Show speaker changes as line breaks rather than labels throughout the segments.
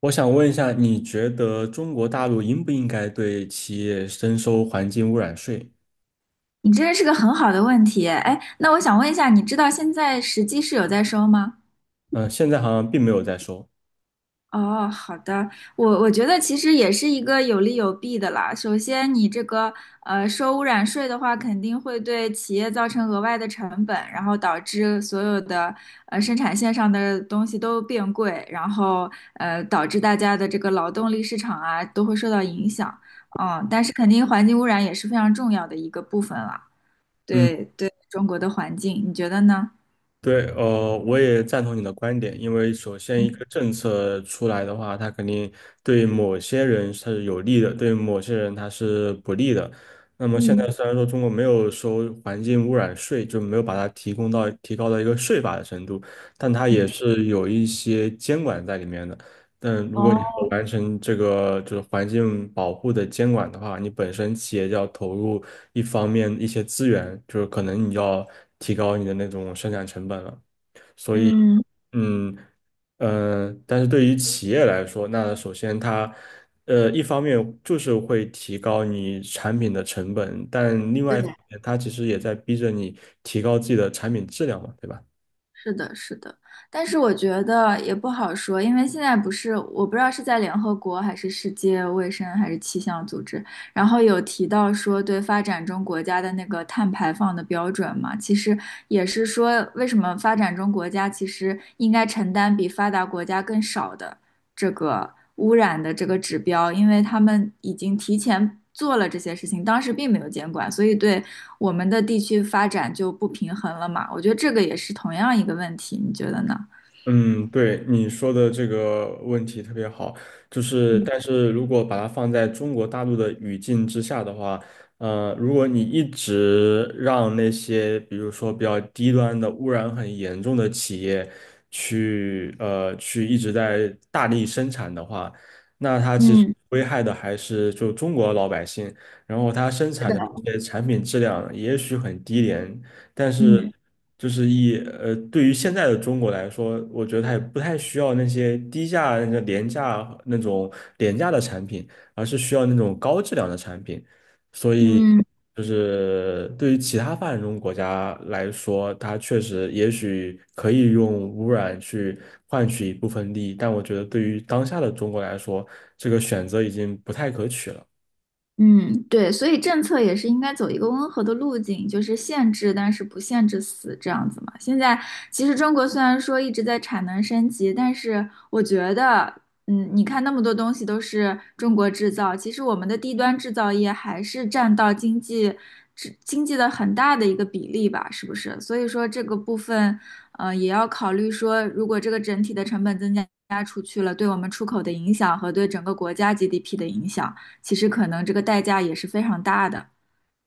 我想问一下，你觉得中国大陆应不应该对企业征收环境污染税？
你这是个很好的问题，哎，那我想问一下，你知道现在实际是有在收吗？
嗯、现在好像并没有在收。
哦，好的，我觉得其实也是一个有利有弊的啦。首先，你这个收污染税的话，肯定会对企业造成额外的成本，然后导致所有的生产线上的东西都变贵，然后导致大家的这个劳动力市场啊都会受到影响。但是肯定环境污染也是非常重要的一个部分了。
嗯，
对，对中国的环境，你觉得呢？
对，我也赞同你的观点，因为首先一个政策出来的话，它肯定对某些人是有利的，对某些人它是不利的。那么现
嗯，
在虽然说中国没有收环境污染税，就没有把它提高到一个税法的程度，但它也
嗯
是有一些监管在里面的。但如果你
哦，
不完成这个就是环境保护的监管的话，你本身企业就要投入一方面一些资源，就是可能你要提高你的那种生产成本了。所以，
嗯，
嗯但是对于企业来说，那首先它一方面就是会提高你产品的成本，但另外
对，
一方面它其实也在逼着你提高自己的产品质量嘛，对吧？
是的，是的，但是我觉得也不好说，因为现在不是我不知道是在联合国还是世界卫生还是气象组织，然后有提到说对发展中国家的那个碳排放的标准嘛，其实也是说为什么发展中国家其实应该承担比发达国家更少的这个污染的这个指标，因为他们已经提前做了这些事情，当时并没有监管，所以对我们的地区发展就不平衡了嘛。我觉得这个也是同样一个问题，你觉得呢？
嗯，对你说的这个问题特别好，就是
嗯
但是如果把它放在中国大陆的语境之下的话，呃，如果你一直让那些比如说比较低端的污染很严重的企业去一直在大力生产的话，那它其实
嗯
危害的还是就中国老百姓，然后它生产的这些产品质量也许很低廉，但是
嗯
就是对于现在的中国来说，我觉得它也不太需要那些低价、那个廉价那种廉价的产品，而是需要那种高质量的产品。所以，
嗯。
就是对于其他发展中国家来说，它确实也许可以用污染去换取一部分利益，但我觉得对于当下的中国来说，这个选择已经不太可取了。
嗯，对，所以政策也是应该走一个温和的路径，就是限制，但是不限制死这样子嘛。现在其实中国虽然说一直在产能升级，但是我觉得，你看那么多东西都是中国制造，其实我们的低端制造业还是占到经济制经济的很大的一个比例吧，是不是？所以说这个部分，也要考虑说，如果这个整体的成本增加出去了，对我们出口的影响和对整个国家 GDP 的影响。其实可能这个代价也是非常大的。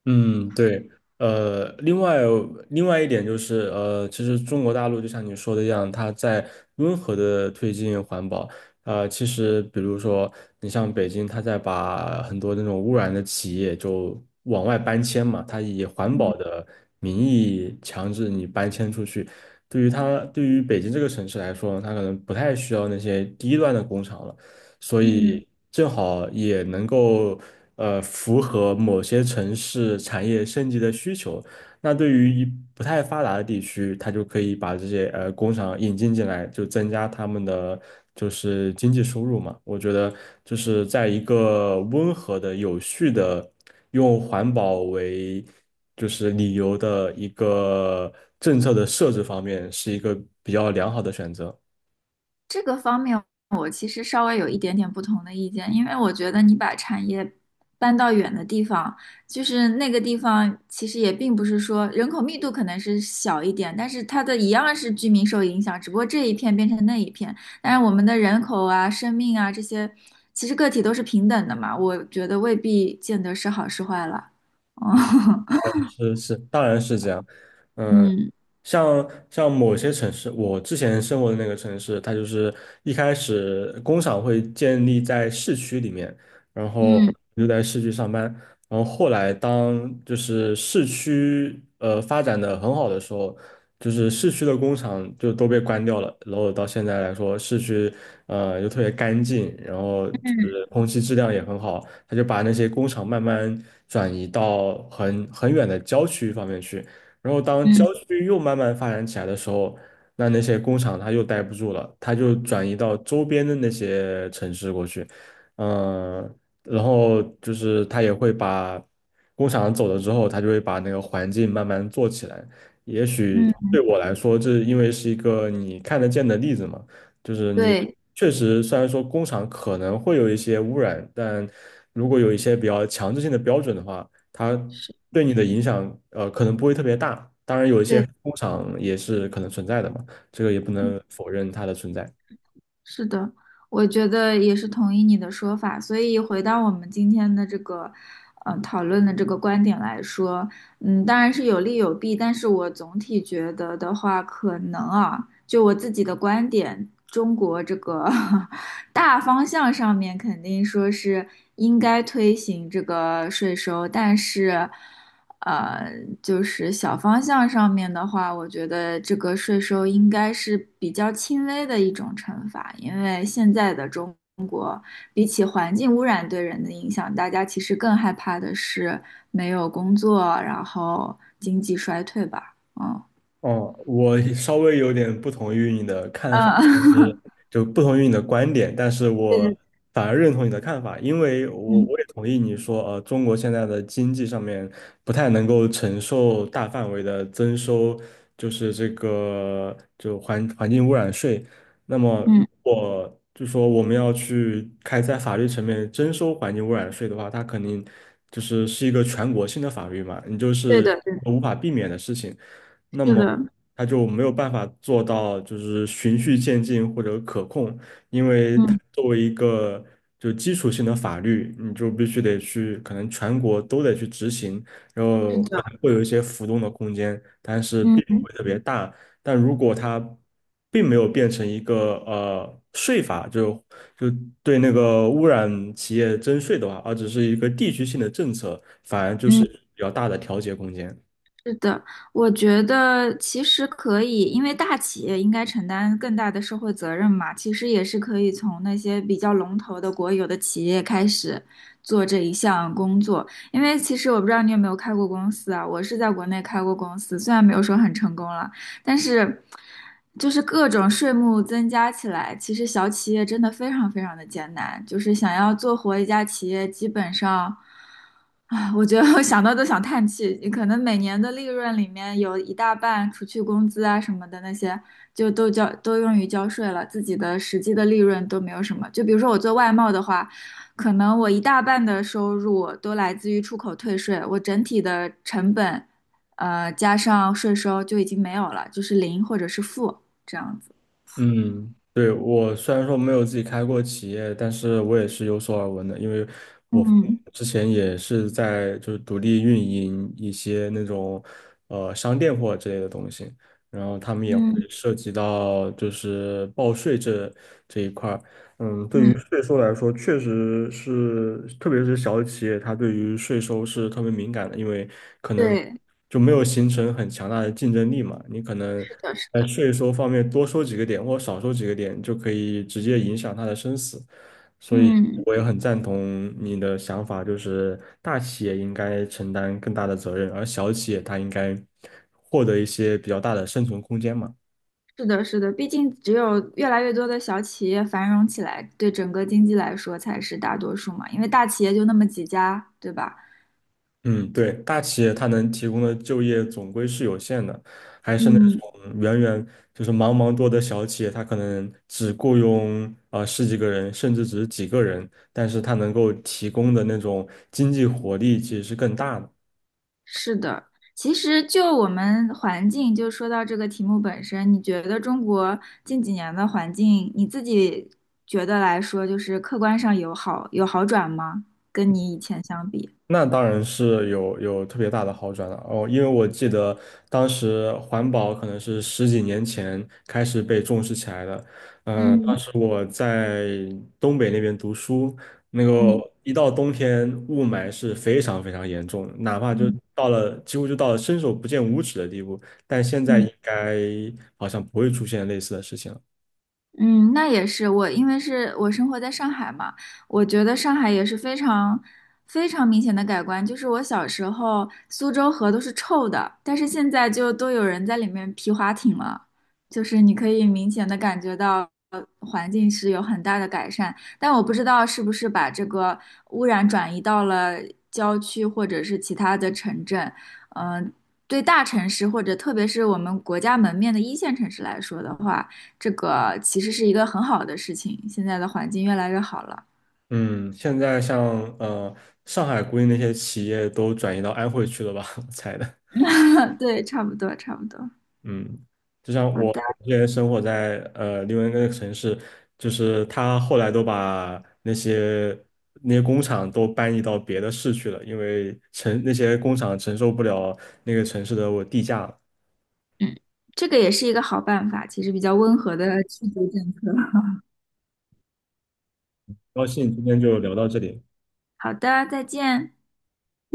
嗯，对，呃，另外一点就是，呃，其实中国大陆就像你说的一样，它在温和的推进环保。呃，其实比如说，你像北京，它在把很多那种污染的企业就往外搬迁嘛，它以环保
嗯
的名义强制你搬迁出去。对于它，对于北京这个城市来说呢，它可能不太需要那些低端的工厂了。所
嗯，
以正好也能够符合某些城市产业升级的需求。那对于一不太发达的地区，它就可以把这些工厂引进进来，就增加他们的就是经济收入嘛。我觉得就是在一个温和的、有序的，用环保为就是理由的一个政策的设置方面，是一个比较良好的选择。
这个方面我其实稍微有一点点不同的意见，因为我觉得你把产业搬到远的地方，就是那个地方其实也并不是说人口密度可能是小一点，但是它的一样是居民受影响，只不过这一片变成那一片。但是我们的人口啊、生命啊这些，其实个体都是平等的嘛，我觉得未必见得是好是坏了。哦，
是是，当然是这样。嗯，
嗯
像某些城市，我之前生活的那个城市，它就是一开始工厂会建立在市区里面，然后
嗯
你就在市区上班。然后后来当就是市区发展的很好的时候，就是市区的工厂就都被关掉了，然后到现在来说，市区又特别干净，然后就是
嗯
空气质量也很好，他就把那些工厂慢慢转移到很远的郊区方面去，然后当郊
嗯
区又慢慢发展起来的时候。那那些工厂它又待不住了，它就转移到周边的那些城市过去，嗯。然后就是他也会把工厂走了之后，他就会把那个环境慢慢做起来。也许
嗯，
对我来说，这因为是一个你看得见的例子嘛，就是你
对，
确实虽然说工厂可能会有一些污染，但如果有一些比较强制性的标准的话，它
是，
对你的影响可能不会特别大。当然，有一些
对，
工厂也是可能存在的嘛，这个也不
嗯
能否认它的存在。
是的，我觉得也是同意你的说法。所以回到我们今天的这个，讨论的这个观点来说，当然是有利有弊，但是我总体觉得的话，可能啊，就我自己的观点，中国这个 大方向上面肯定说是应该推行这个税收，但是，呃，就是小方向上面的话，我觉得这个税收应该是比较轻微的一种惩罚，因为现在的中比起环境污染对人的影响，大家其实更害怕的是没有工作，然后经济衰退吧。嗯
哦，我稍微有点不同于你的看法，但是
嗯，
就不同于你的观点，但是
对
我
对，
反而认同你的看法，因为
嗯
我也同意你说，呃，中国现在的经济上面不太能够承受大范围的增收，就是这个环环境污染税。那么，如
嗯，
果就说我们要去开在法律层面征收环境污染税的话，它肯定就是是一个全国性的法律嘛，你就
对
是
的，对的，
无法避免的事情。那
是
么
的，
它就没有办法做到就是循序渐进或者可控，因为它
嗯，
作为一个就基础性的法律，你就必须得去，可能全国都得去执行，然
是
后可
的，
能会有一些浮动的空间，但是并
嗯。
不会特别大。但如果它并没有变成一个税法，就对那个污染企业征税的话，而只是一个地区性的政策，反而就是
嗯
比较大的调节空间。
是的，我觉得其实可以，因为大企业应该承担更大的社会责任嘛，其实也是可以从那些比较龙头的国有的企业开始做这一项工作。因为其实我不知道你有没有开过公司啊，我是在国内开过公司，虽然没有说很成功了。但是就是各种税目增加起来，其实小企业真的非常非常的艰难，就是想要做活一家企业，基本上。啊，我觉得我想到都想叹气。你可能每年的利润里面有一大半，除去工资啊什么的那些，就都用于交税了，自己的实际的利润都没有什么。就比如说我做外贸的话，可能我一大半的收入都来自于出口退税，我整体的成本加上税收就已经没有了，就是零或者是负这样子。
嗯，对，我虽然说没有自己开过企业，但是我也是有所耳闻的，因为我父母
嗯
之前也是在就是独立运营一些那种商店货之类的东西，然后他们也会
嗯
涉及到就是报税这一块儿。嗯，对于
嗯，
税收来说，确实是，特别是小企业，它对于税收是特别敏感的，因为可能
对，
就没有形成很强大的竞争力嘛，你可能。
是的，是
在
的，
税收方面多收几个点或少收几个点，就可以直接影响他的生死。所以
嗯，
我也很赞同你的想法，就是大企业应该承担更大的责任，而小企业它应该获得一些比较大的生存空间嘛。
是的，是的。毕竟只有越来越多的小企业繁荣起来，对整个经济来说才是大多数嘛。因为大企业就那么几家，对吧？
嗯，对，大企业它能提供的就业总归是有限的，还是那
嗯
种远远就是茫茫多的小企业，它可能只雇佣十几个人，甚至只是几个人，但是它能够提供的那种经济活力其实是更大的。
是的，其实就我们环境，就说到这个题目本身，你觉得中国近几年的环境，你自己觉得来说，就是客观上有好转吗？跟你以前相比？
那当然是有特别大的好转了哦，因为我记得当时环保可能是十几年前开始被重视起来的。当
嗯
时我在东北那边读书，那嗯
嗯
个一到冬天雾霾是非常非常严重的，哪怕就
嗯
到了几乎就到了伸手不见五指的地步，但现在
嗯。
应该好像不会出现类似的事情了。
嗯，那也是我，因为是我生活在上海嘛，我觉得上海也是非常非常明显的改观。就是我小时候苏州河都是臭的，但是现在就都有人在里面皮划艇了，就是你可以明显的感觉到环境是有很大的改善。但我不知道是不是把这个污染转移到了郊区或者是其他的城镇，嗯、对大城市或者特别是我们国家门面的一线城市来说的话。这个其实是一个很好的事情，现在的环境越来越好了。
嗯，现在像上海估计那些企业都转移到安徽去了吧，我猜的。
嗯，对，差不多，差不多。
嗯，就像
好的，
我之前生活在另外一个城市，就是他后来都把那些工厂都搬移到别的市去了，因为承那些工厂承受不了那个城市的我地价了。
这个也是一个好办法，其实比较温和的去逐政策。
高兴今天就聊到这里。
好的，再见。